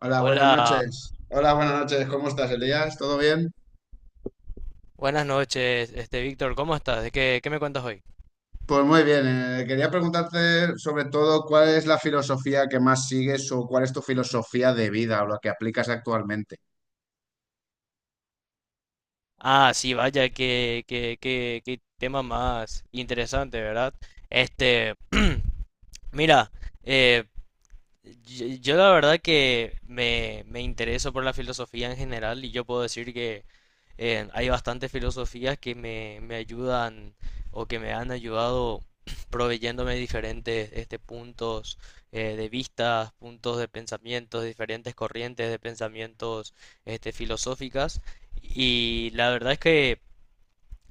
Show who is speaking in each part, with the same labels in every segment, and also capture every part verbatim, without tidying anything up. Speaker 1: Hola, buenas
Speaker 2: Hola,
Speaker 1: noches. Hola, buenas noches. ¿Cómo estás, Elías? ¿Todo bien?
Speaker 2: buenas noches, este Víctor, ¿cómo estás? ¿De qué, qué me cuentas hoy?
Speaker 1: Pues muy bien. Eh, quería preguntarte sobre todo cuál es la filosofía que más sigues o cuál es tu filosofía de vida o la que aplicas actualmente.
Speaker 2: Ah, sí, vaya, qué, qué, qué, qué tema más interesante, ¿verdad? Este, Mira, eh. Yo, yo la verdad que me, me intereso por la filosofía en general y yo puedo decir que eh, hay bastantes filosofías que me, me ayudan o que me han ayudado proveyéndome diferentes este, puntos eh, de vista, puntos de pensamientos, diferentes corrientes de pensamientos este, filosóficas. Y la verdad es que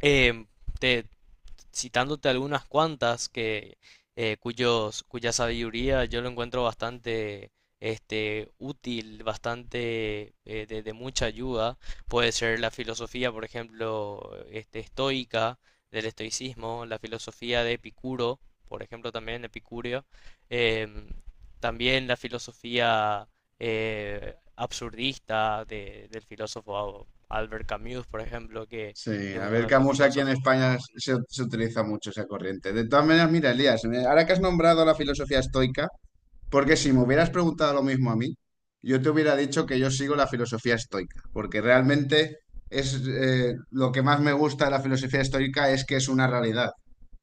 Speaker 2: em, te, citándote algunas cuantas que, eh, cuyos, cuya sabiduría yo lo encuentro bastante este, útil, bastante eh, de, de mucha ayuda. Puede ser la filosofía, por ejemplo, este, estoica, del estoicismo, la filosofía de Epicuro, por ejemplo, también Epicurio, em, también la filosofía eh, absurdista de- del filósofo Albert Camus, por ejemplo, que
Speaker 1: Sí,
Speaker 2: es
Speaker 1: a
Speaker 2: uno
Speaker 1: ver,
Speaker 2: de mis
Speaker 1: Camus aquí en
Speaker 2: filósofos.
Speaker 1: España se, se utiliza mucho esa corriente. De todas maneras, mira, Elías, me- ahora que has nombrado la filosofía estoica, porque si me hubieras preguntado lo mismo a mí, yo te hubiera dicho que yo sigo la filosofía estoica, porque realmente es eh, lo que más me gusta de la filosofía estoica es que es una realidad.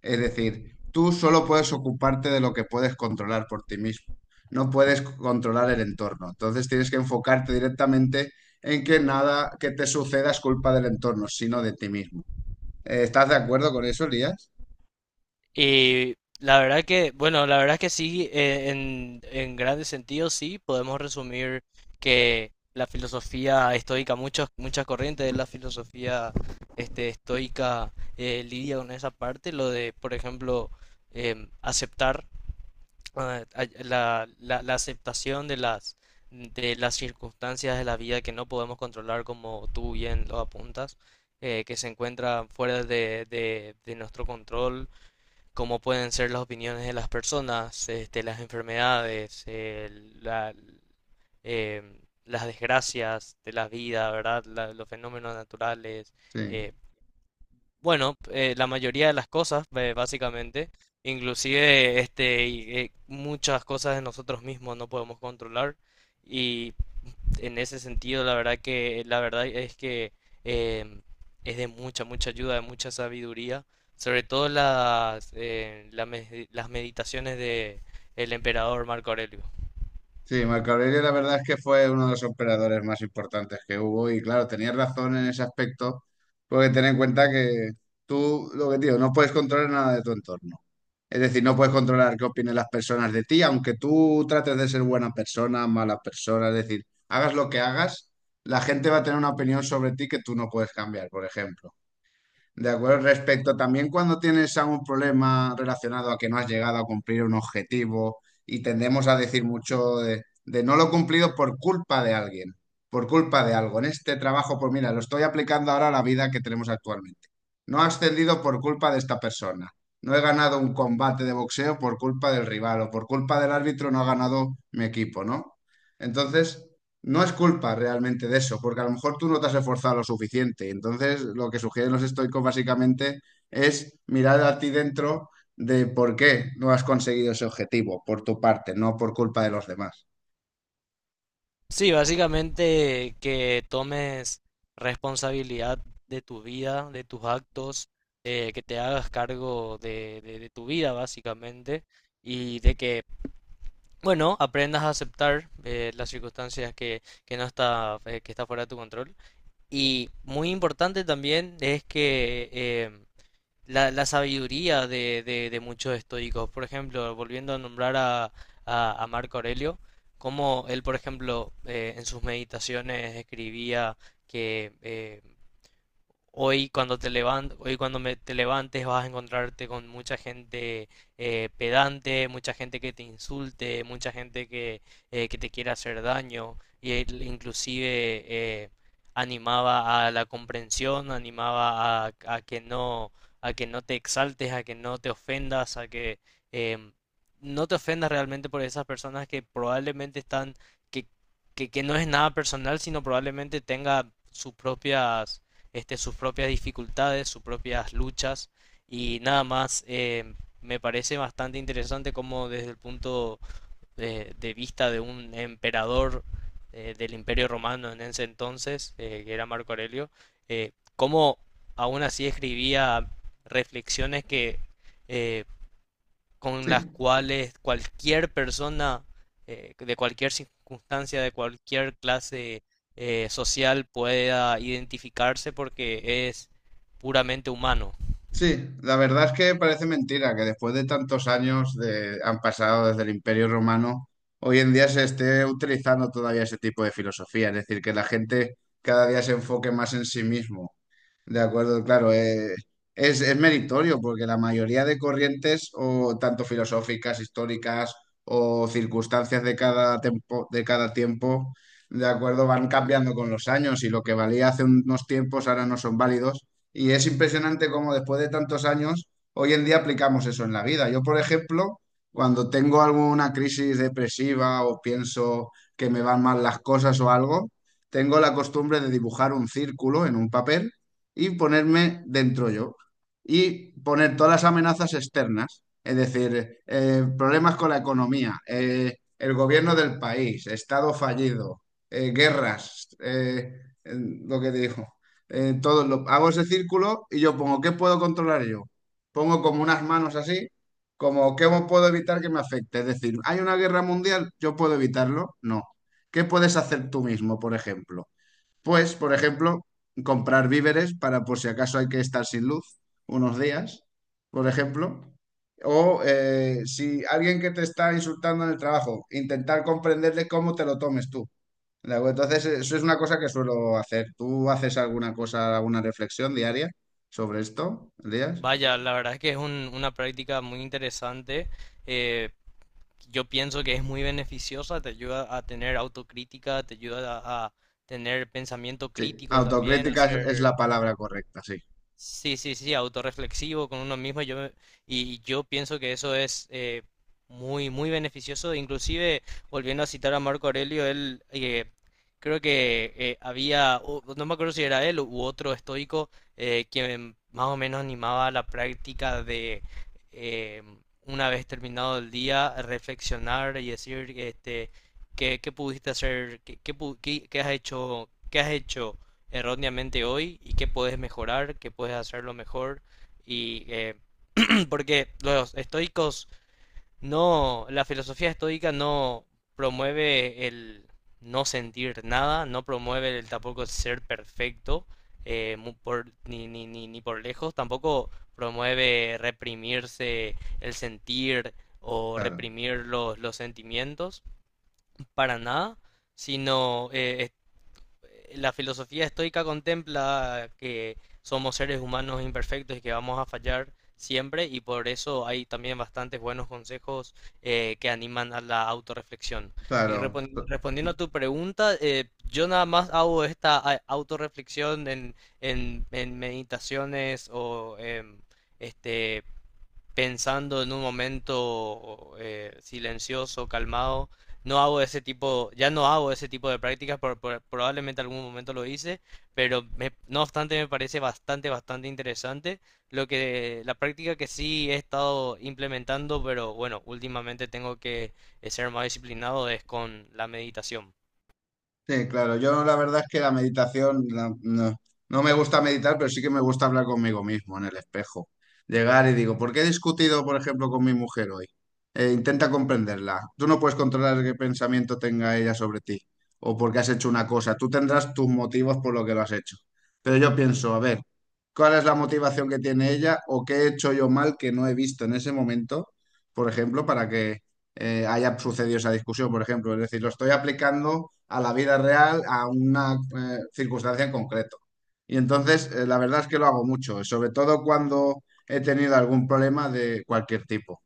Speaker 1: Es decir, tú solo puedes ocuparte de lo que puedes controlar por ti mismo. No puedes controlar el entorno. Entonces tienes que enfocarte directamente en que nada que te suceda es culpa del entorno, sino de ti mismo. Eh, ¿Estás de acuerdo con eso, Elías?
Speaker 2: Y la verdad que, bueno, la verdad que sí, eh, en, en grandes sentidos sí, podemos resumir que la filosofía estoica, muchas, muchas corrientes de la filosofía este, estoica eh, lidia con esa parte, lo de, por ejemplo, em, aceptar eh, a- la, la- la aceptación de las, de las circunstancias de la vida que no podemos controlar, como tú bien lo apuntas, eh, que se encuentran fuera de, de, de nuestro control como pueden ser las opiniones de las personas, este, las enfermedades, eh, la- em, las desgracias de la vida, ¿verdad? La- los fenómenos naturales.
Speaker 1: Sí.
Speaker 2: eh, bueno, eh, la mayoría de las cosas, eh, básicamente, inclusive este, y, eh, muchas cosas de nosotros mismos no podemos controlar. Y en ese sentido, la verdad que, la verdad es que eh, es de mucha, mucha ayuda, de mucha sabiduría, sobre todo las, eh, la me- las meditaciones de el emperador Marco Aurelio.
Speaker 1: Sí, Marco Aurelio la verdad es que fue uno de los operadores más importantes que hubo y claro, tenías razón en ese aspecto, porque ten en cuenta que tú, lo que te digo, no puedes controlar nada de tu entorno. Es decir, no puedes controlar qué opinen las personas de ti, aunque tú trates de ser buena persona, mala persona, es decir, hagas lo que hagas, la gente va a tener una opinión sobre ti que tú no puedes cambiar, por ejemplo. De acuerdo, respecto también cuando tienes algún problema relacionado a que no has llegado a cumplir un objetivo y tendemos a decir mucho de, de no lo he cumplido por culpa de alguien, por culpa de algo. En este trabajo, pues mira, lo estoy aplicando ahora a la vida que tenemos actualmente. No he ascendido por culpa de esta persona. No he ganado un combate de boxeo por culpa del rival o por culpa del árbitro no ha ganado mi equipo, ¿no? Entonces... no es culpa realmente de eso, porque a lo mejor tú no te has esforzado lo suficiente. Entonces, lo que sugieren los estoicos básicamente es mirar a ti dentro de por qué no has conseguido ese objetivo por tu parte, no por culpa de los demás.
Speaker 2: Sí, básicamente que tomes responsabilidad de tu vida, de tus actos, eh, que te hagas cargo de, de- de tu vida, básicamente, y de que, bueno, aprendas a aceptar eh, las circunstancias que, que no está, eh, que está fuera de tu control. Y muy importante también es que eh, la, la sabiduría de, de- de muchos estoicos, por ejemplo, volviendo a nombrar a, a- a Marco Aurelio, como él, por ejemplo, eh, en sus meditaciones escribía que eh, hoy cuando te levan- hoy cuando me- te levantes vas a encontrarte con mucha gente eh, pedante, mucha gente que te insulte, mucha gente que, eh, que te quiere hacer daño. Y él inclusive eh, animaba a la comprensión, animaba a, a que no, a que no te exaltes, a que no te ofendas, a que em, no te ofendas realmente por esas personas que probablemente están, que, que, que no es nada personal, sino probablemente tenga sus propias este, sus propias dificultades, sus propias luchas y nada más. Eh, me parece bastante interesante como desde el punto de, de vista de un emperador eh, del Imperio Romano en ese entonces, eh, que era Marco Aurelio, eh, cómo aún así escribía reflexiones que eh, con las
Speaker 1: Sí,
Speaker 2: cuales cualquier persona eh, de cualquier circunstancia, de cualquier clase eh, social pueda identificarse porque es puramente humano.
Speaker 1: sí, la verdad es que parece mentira que después de tantos años de, han pasado desde el Imperio Romano, hoy en día se esté utilizando todavía ese tipo de filosofía, es decir, que la gente cada día se enfoque más en sí mismo. De acuerdo, claro, eh, es, es meritorio porque la mayoría de corrientes, o tanto filosóficas, históricas o circunstancias de cada tempo- de cada tiempo, de acuerdo, van cambiando con los años y lo que valía hace unos tiempos ahora no son válidos. Y es impresionante cómo después de tantos años, hoy en día aplicamos eso en la vida. Yo, por ejemplo, cuando tengo alguna crisis depresiva o pienso que me van mal las cosas o algo, tengo la costumbre de dibujar un círculo en un papel y ponerme dentro yo y poner todas las amenazas externas, es decir, eh, problemas con la economía, eh, el gobierno del país, estado fallido, eh, guerras, eh, eh, lo que te dijo. Eh, todo lo, hago ese círculo y yo pongo, ¿qué puedo controlar yo? Pongo como unas manos así, como, ¿qué puedo evitar que me afecte? Es decir, ¿hay una guerra mundial? ¿Yo puedo evitarlo? No. ¿Qué puedes hacer tú mismo, por ejemplo? Pues, por ejemplo, comprar víveres para por si acaso hay que estar sin luz unos días, por ejemplo. O eh, si alguien que te está insultando en el trabajo, intentar comprenderle cómo te lo tomes tú. ¿De acuerdo? Entonces, eso es una cosa que suelo hacer. ¿Tú haces alguna cosa, alguna reflexión diaria sobre esto, Elías?
Speaker 2: Vaya, la verdad es que es un- una práctica muy interesante. Eh, yo pienso que es muy beneficiosa, te ayuda a tener autocrítica, te ayuda a, a tener pensamiento
Speaker 1: Sí,
Speaker 2: crítico también, a
Speaker 1: autocrítica es, es
Speaker 2: ser.
Speaker 1: la palabra correcta, sí,
Speaker 2: Sí, sí, sí, autorreflexivo con uno mismo. Yo, me- y yo pienso que eso es eh, muy, muy beneficioso. Inclusive, volviendo a citar a Marco Aurelio, él eh, creo que eh, había, o- no me acuerdo si era él u otro estoico, eh, quien más o menos animaba la práctica de, eh, una vez terminado el día, reflexionar y decir, este, qué, qué pudiste hacer, qué, qué pu- qué- qué has hecho, qué has hecho erróneamente hoy y qué puedes mejorar, qué puedes hacerlo mejor. Y eh, porque los estoicos no, la filosofía estoica no promueve el no sentir nada, no promueve el tampoco ser perfecto, eh, mu- por, ni, ni, ni, ni por lejos, tampoco promueve reprimirse el sentir o
Speaker 1: claro,
Speaker 2: reprimir los, los sentimientos, para nada, sino eh, la filosofía estoica contempla que somos seres humanos imperfectos y que vamos a fallar siempre y por eso hay también bastantes buenos consejos eh, que animan a la autorreflexión. Y
Speaker 1: claro.
Speaker 2: repon- respondiendo a tu pregunta, eh, yo nada más hago esta a- autorreflexión en, en, en meditaciones o em, este, pensando en un momento eh, silencioso, calmado. No hago ese tipo, Ya no hago ese tipo de prácticas, por- por- probablemente algún momento lo hice, pero me- no obstante me parece bastante, bastante interesante lo que la práctica que sí he estado implementando, pero bueno, últimamente tengo que eh, ser más disciplinado es con la meditación.
Speaker 1: Sí, claro, yo la verdad es que la meditación la- no, no me gusta meditar, pero sí que me gusta hablar conmigo mismo en el espejo. Llegar y digo, ¿por qué he discutido, por ejemplo, con mi mujer hoy? Eh, intenta comprenderla. Tú no puedes controlar qué pensamiento tenga ella sobre ti o porque has hecho una cosa. Tú tendrás tus motivos por lo que lo has hecho. Pero yo pienso, a ver, ¿cuál es la motivación que tiene ella o qué he hecho yo mal que no he visto en ese momento, por ejemplo, para que eh, haya sucedido esa discusión, por ejemplo? Es decir, lo estoy aplicando a la vida real, a una eh, circunstancia en concreto. Y entonces, eh, la verdad es que lo hago mucho, sobre todo cuando he tenido algún problema de cualquier tipo.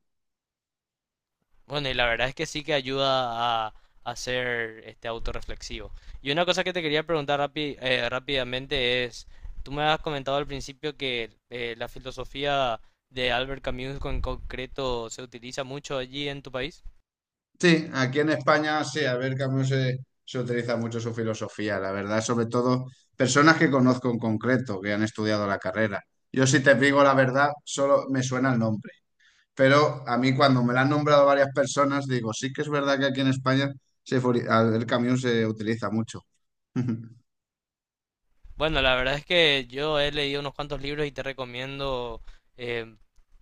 Speaker 2: Bueno, y la verdad es que sí que ayuda a, a ser este autorreflexivo. Y una cosa que te quería preguntar rapi- eh, rápidamente es, tú me has comentado al principio que eh, la filosofía de Albert Camus en concreto se utiliza mucho allí en tu país.
Speaker 1: Sí, aquí en España, sí, a ver, Camus se, se utiliza mucho su filosofía, la verdad, sobre todo personas que conozco en concreto, que han estudiado la carrera. Yo si te digo la verdad, solo me suena el nombre. Pero a mí cuando me la han nombrado varias personas, digo, sí que es verdad que aquí en España se fori- al- el camión se utiliza mucho.
Speaker 2: Bueno, la verdad es que yo he leído unos cuantos libros y te recomiendo eh,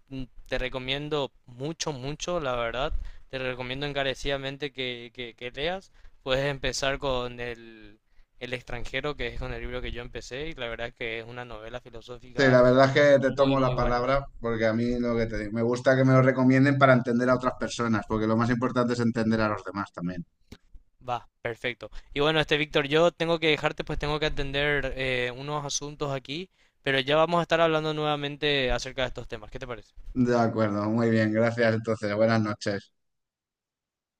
Speaker 2: mm, te recomiendo mucho, mucho, la verdad. Te recomiendo encarecidamente que, que, que leas. Puedes empezar con el, el extranjero, que es con el libro que yo empecé, y la verdad es que es una novela
Speaker 1: Sí,
Speaker 2: filosófica.
Speaker 1: la verdad es que te tomo la
Speaker 2: No,
Speaker 1: palabra porque a mí lo que te digo, me gusta que me lo recomienden para entender a otras personas, porque lo más importante es entender a los demás también.
Speaker 2: va, perfecto. Y bueno, este Víctor, yo tengo que dejarte, pues tengo que atender eh, unos asuntos aquí, pero ya vamos a estar hablando nuevamente acerca de estos temas. ¿Qué te parece?
Speaker 1: De acuerdo, muy bien, gracias entonces, buenas noches.